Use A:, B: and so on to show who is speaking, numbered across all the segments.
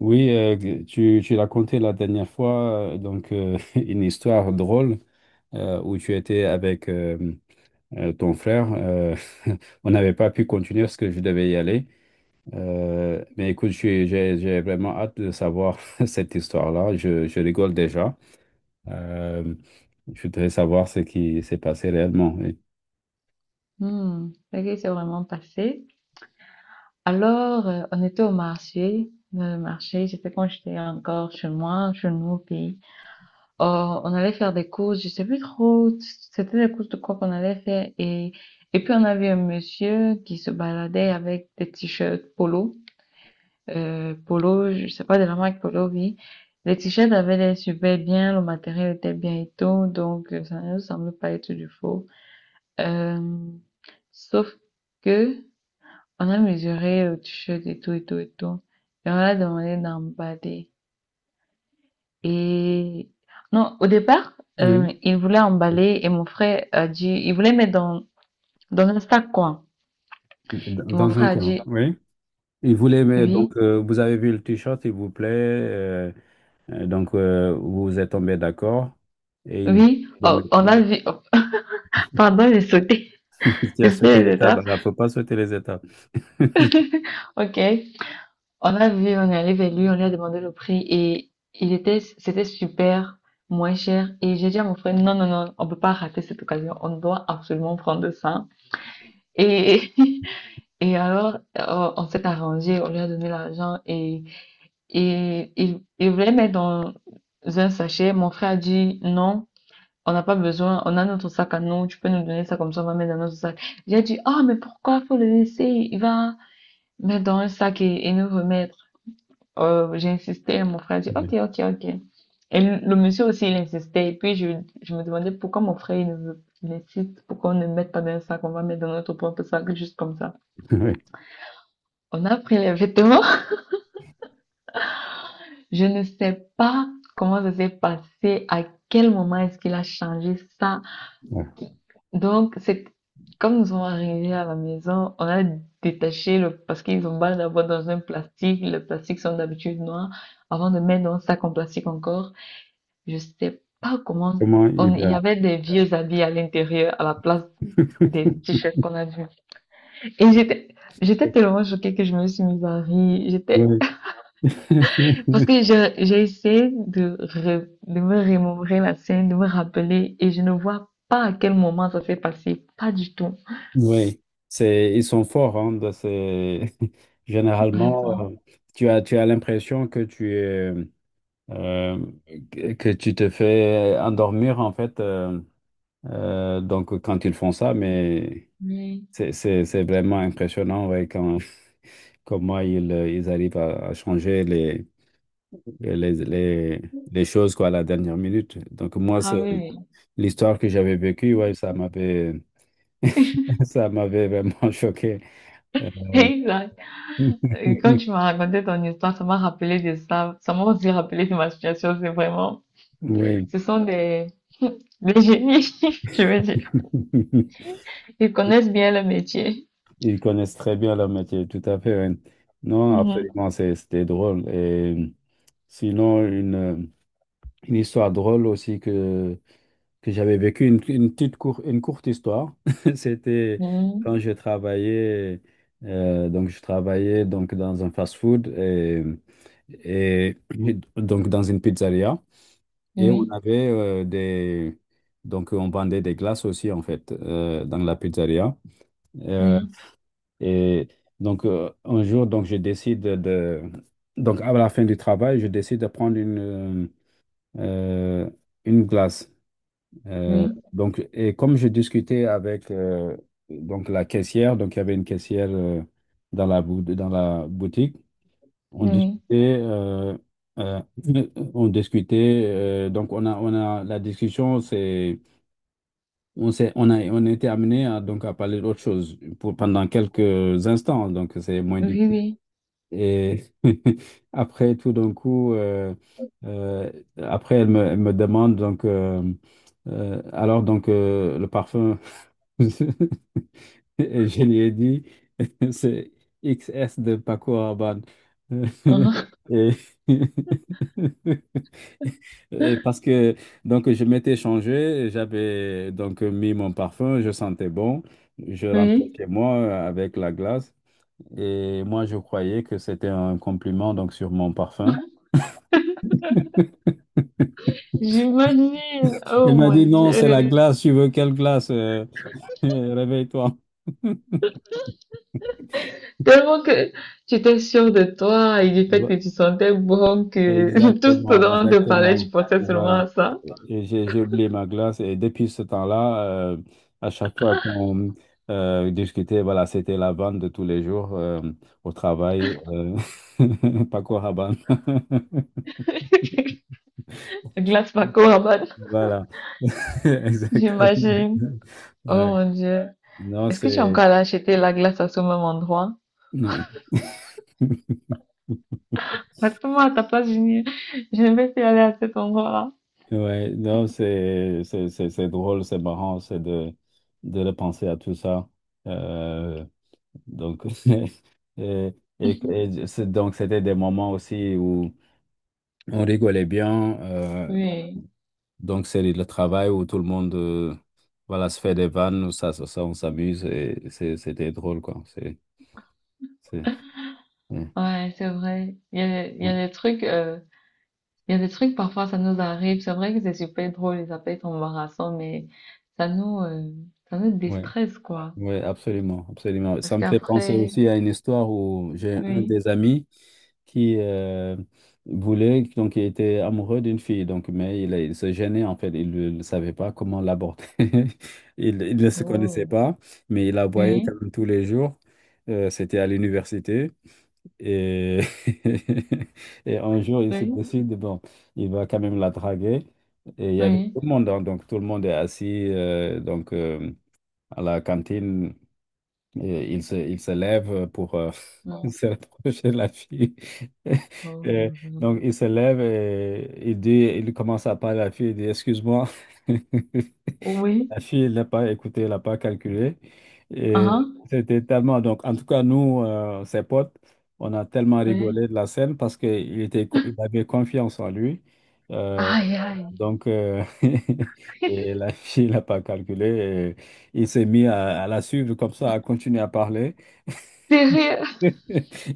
A: Oui, tu l'as conté la dernière fois, une histoire drôle où tu étais avec ton frère. On n'avait pas pu continuer parce que je devais y aller. Mais écoute, j'ai vraiment hâte de savoir cette histoire-là. Je rigole déjà. Euh, je voudrais savoir ce qui s'est passé réellement. Oui.
B: Mmh, c'est que c'est vraiment passé. Alors, on était au marché. Le marché, c'était quand j'étais encore chez moi, chez nous, au pays. Oh, on allait faire des courses, je sais plus trop, c'était des courses de quoi qu'on allait faire. Et puis, on avait un monsieur qui se baladait avec des t-shirts polo. Polo, je sais pas de la marque polo, oui. Les t-shirts avaient l'air super bien, le matériel était bien et tout, donc ça ne nous semblait pas être du faux. Euh, sauf que on a mesuré le t-shirt et tout, et tout, et tout. Et on a demandé d'emballer. Et non, au départ,
A: Oui.
B: il voulait emballer et mon frère a dit, il voulait mettre dans, dans un sac, quoi.
A: Dans
B: Et mon
A: dans un
B: frère a
A: coin,
B: dit,
A: oui. Il voulait, mais
B: oui,
A: donc, vous avez vu le t-shirt, il vous plaît. Donc, vous vous êtes tombé d'accord et il
B: oui. Oh, on a vu, oh, pardon, j'ai sauté,
A: il y a
B: j'ai sauté
A: sauté les
B: les
A: étapes.
B: étapes.
A: Il ne faut pas sauter les étapes.
B: Ok. On a vu, on est allé vers lui, on lui a demandé le prix et il était, c'était super moins cher. Et j'ai dit à mon frère, non, non, non, on peut pas rater cette occasion, on doit absolument prendre ça. Et, et alors, on s'est arrangé, on lui a donné l'argent et il voulait mettre dans un sachet. Mon frère a dit non, on n'a pas besoin, on a notre sac à nous, tu peux nous donner ça comme ça, on va mettre dans notre sac. J'ai dit, ah, mais pourquoi faut le laisser? Il va mettre dans un sac et nous remettre. J'ai insisté, mon frère a dit,
A: Oui.
B: ok, ok, ok. Et le monsieur aussi, il insistait. Et puis, je me demandais pourquoi mon frère, il ne veut, il insiste, pourquoi on ne met pas dans un sac, on va mettre dans notre propre sac, juste comme ça.
A: Oui.
B: On a pris les vêtements. Je ne sais pas comment ça s'est passé, à quel moment est-ce qu'il a changé ça.
A: Ouais.
B: Donc, c'est comme nous sommes arrivés à la maison, on a détaché le, parce qu'ils ont mal d'avoir dans un plastique. Le plastique sont d'habitude noirs. Avant de mettre dans un sac en plastique encore, je sais pas comment
A: Comment
B: on,
A: il
B: il y
A: a...
B: avait des vieux habits à l'intérieur à la place des t-shirts qu'on a vus. Et j'étais, j'étais tellement choquée que je me suis mise à rire. J'étais,
A: Oui.
B: parce que j'ai essayé de, de me remémorer la scène, de me rappeler, et je ne vois pas à quel moment ça s'est passé. Pas du tout.
A: Oui. C'est, ils sont forts, hein, dans généralement,
B: Attends,
A: tu as l'impression que euh, que tu te fais endormir, en fait, donc quand ils font ça, mais
B: oui.
A: c'est vraiment impressionnant, ouais, quand, comment ils arrivent à changer les, les, les choses quoi, à la dernière minute. Donc moi,
B: Ah
A: c'est
B: oui, oui.
A: l'histoire que j'avais vécue, ouais, ça m'avait ça m'avait vraiment choqué. Euh,
B: Exact. Et quand tu m'as raconté ton histoire, ça m'a rappelé de ça. Ça m'a aussi rappelé de ma situation. C'est vraiment,
A: Oui,
B: ce sont des génies, je veux dire. Ils connaissent bien le métier.
A: ils connaissent très bien leur métier, tout à fait. Ouais. Non,
B: Mhm.
A: absolument, c'était drôle. Et sinon, une histoire drôle aussi que j'avais vécu, une courte histoire. C'était
B: Mhm.
A: quand je travaillais, donc je travaillais donc dans un fast-food et donc dans une pizzeria. Et on
B: Oui,
A: avait des... Donc on vendait des glaces aussi en fait, dans la pizzeria. Euh,
B: oui,
A: et donc, un jour, donc je décide de... Donc à la fin du travail, je décide de prendre euh, une glace. Euh,
B: oui,
A: donc, et comme je discutais avec donc la caissière, donc il y avait une caissière dans dans la boutique, on
B: oui,
A: discutait, euh, on discutait, donc on a la discussion, c'est, on a été amené à, donc à parler d'autre chose pour, pendant quelques instants, donc c'est moins du.
B: oui, oui.
A: Et après, tout d'un coup, euh, après, elle me demande donc. Alors donc le parfum. Et je lui ai dit, c'est XS de Paco Rabanne. Et, et parce que donc je m'étais changé, j'avais donc mis mon parfum, je sentais bon. Je
B: Uhum.
A: rentrais
B: Oui.
A: chez moi avec la glace et moi je croyais que c'était un compliment donc sur mon parfum.
B: J'imagine,
A: Il
B: oh
A: m'a
B: mon
A: dit non, c'est la
B: Dieu,
A: glace, tu veux quelle glace? Réveille-toi.
B: tellement que tu étais sûre de toi et du fait que tu sentais bon que tout ce
A: Exactement,
B: dont on te parlait, tu
A: exactement.
B: pensais seulement à
A: Voilà.
B: ça.
A: Et j'ai oublié ma glace et depuis ce temps-là, euh, à chaque fois qu'on discutait, voilà, c'était la vanne de tous les jours au travail. Paco Rabanne.
B: Glace Paco Rabanne,
A: Voilà. Exactement.
B: j'imagine. Oh
A: Ouais.
B: mon Dieu,
A: Non,
B: est-ce que tu es
A: c'est...
B: encore allé acheter la glace à ce même endroit? Parce que moi, à ta place, je ne vais plus aller à cet endroit-là.
A: Ouais, non, c'est drôle, c'est marrant, c'est de repenser à tout ça. Euh, Donc, et, et- et donc c'était des moments aussi où on rigolait bien.
B: Oui,
A: Donc, c'est le travail où tout le monde, voilà, se fait des vannes, où on s'amuse et c'était drôle, quoi. C'est, ouais,
B: ouais, c'est vrai. Il y
A: ouais,
B: a des trucs, il y a des trucs, parfois, ça nous arrive. C'est vrai que c'est super drôle et ça peut être embarrassant, mais ça nous, euh, ça nous
A: ouais,
B: déstresse, quoi.
A: ouais, absolument, absolument.
B: Parce
A: Ça me fait penser
B: qu'après,
A: aussi à une histoire où j'ai un
B: oui,
A: des amis qui voulait, donc il était amoureux d'une fille, donc, mais il se gênait en fait, il savait pas comment l'aborder. Il ne se connaissait
B: oh,
A: pas, mais il la voyait quand
B: oui,
A: même tous les jours. C'était à l'université et... et un jour il se
B: oui,
A: décide, bon, il va quand même la draguer. Et il y avait
B: oui,
A: tout le monde, hein, donc tout le monde est assis à la cantine et il se lève pour
B: non,
A: se rapprocher de la fille.
B: oh,
A: Et
B: non, non,
A: donc, il se lève et il dit, il commence à parler à la fille, il dit, excuse-moi.
B: oh, oui,
A: La fille, elle n'a pas écouté, elle n'a pas calculé.
B: ah,
A: Et c'était tellement... Donc, en tout cas, nous, ses potes, on a tellement
B: oui,
A: rigolé de la scène parce qu'il était, il avait confiance en lui. Euh,
B: aïe, aïe,
A: donc, et la fille n'a pas calculé. Et il s'est mis à la suivre comme ça, à continuer à parler.
B: sérieux,
A: Et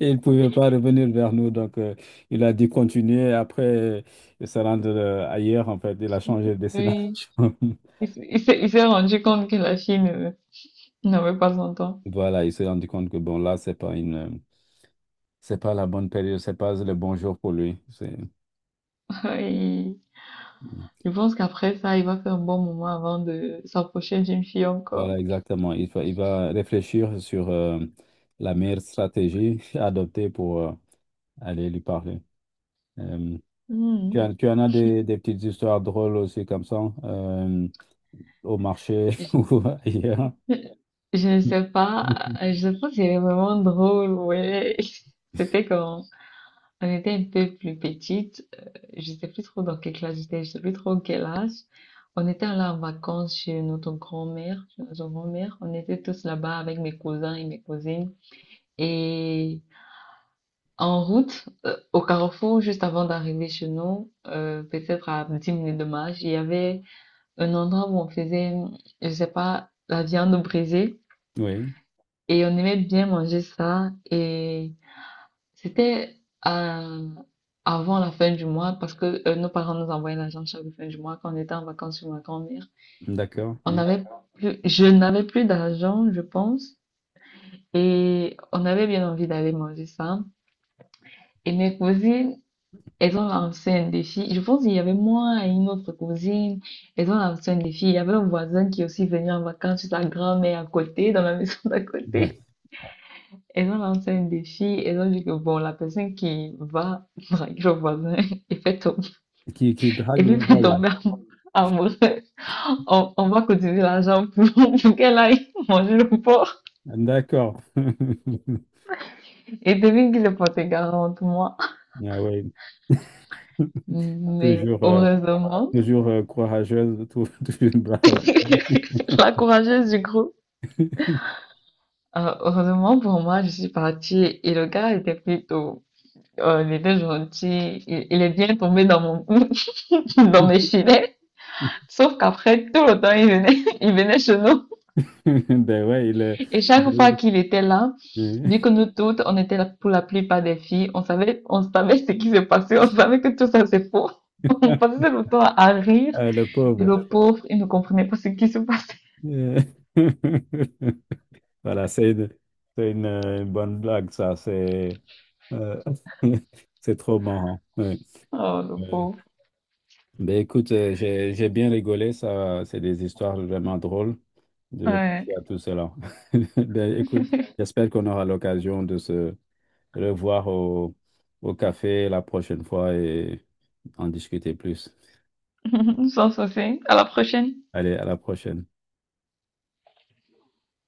A: il ne pouvait pas revenir vers nous. Donc, il a dit continuer. Après, il se rendre ailleurs, en fait. Il a changé de
B: oui.
A: destination.
B: Il s'est rendu compte que la Chine n'avait pas son temps.
A: Voilà, il s'est rendu compte que, bon, là, c'est pas c'est pas la bonne période, c'est pas le bon jour pour lui.
B: Il, il pense qu'après ça, il va faire un bon moment avant de s'approcher d'une fille encore.
A: Voilà, exactement. Il va réfléchir sur la meilleure stratégie à adopter pour aller lui parler. Euh,
B: Hmm.
A: tu en as des petites histoires drôles aussi comme ça, euh, au marché ou ailleurs.
B: Je je ne sais pas, je pense qu'il est vraiment drôle, ouais. C'était quand on était un peu plus petite, je sais plus trop dans quelle classe j'étais, je sais plus trop quel âge. On était là en vacances chez notre grand-mère, chez notre grand-mère. On était tous là-bas avec mes cousins et mes cousines. Et en route, au carrefour, juste avant d'arriver chez nous, peut-être à 10 minutes de marche, il y avait un endroit où on faisait, je sais pas, la viande brisée.
A: Oui,
B: Et on aimait bien manger ça. Et c'était euh, avant la fin du mois parce que nos parents nous envoyaient l'argent chaque fin du mois quand on était en vacances chez ma grand-mère.
A: d'accord.
B: On
A: Oui.
B: n'avait je n'avais plus d'argent, je pense. Et on avait bien envie d'aller manger ça. Et mes cousines, elles ont lancé un défi. Je pense qu'il y avait moi et une autre cousine. Elles ont lancé un défi. Il y avait un voisin qui est aussi venu en vacances chez sa grand-mère à côté, dans la maison d'à
A: Ouais.
B: côté. Elles ont lancé un défi, elles ont dit que bon, la personne qui va draguer le voisin et fait tomber,
A: Qui
B: et
A: drague le
B: lui fait
A: voyant.
B: tomber amoureuse, on va cotiser l'argent pour, pour qu'elle aille manger le porc.
A: D'accord.
B: Et devine qui se portait garante, moi.
A: Ah oui. Ouais.
B: Mais
A: Toujours,
B: heureusement,
A: toujours courageuse, toujours brave.
B: la courageuse du groupe, heureusement pour moi, je suis partie et le gars était plutôt, il était gentil, il est bien tombé dans mon, dans mes filets. Sauf qu'après, tout le temps, il venait, il venait chez nous.
A: Ben ouais, il est,
B: Et chaque fois
A: il-
B: qu'il était là, vu que nous toutes, on était là pour la plupart des filles, on savait ce qui se passait, on savait que tout ça c'est faux. On passait le temps à rire.
A: le
B: Et
A: pauvre.
B: le pauvre, il ne comprenait pas ce qui se passait.
A: Euh, Voilà, c'est une bonne blague, ça. C'est euh, c'est trop marrant. Ouais.
B: Oh, le
A: Euh,
B: pauvre.
A: ben écoute, j'ai bien rigolé. Ça, c'est des histoires vraiment drôles de
B: Ouais.
A: penser à tout cela. Ben écoute, j'espère qu'on aura l'occasion de se revoir au, au café la prochaine fois et en discuter plus.
B: Sans souci. À la prochaine.
A: Allez, à la prochaine.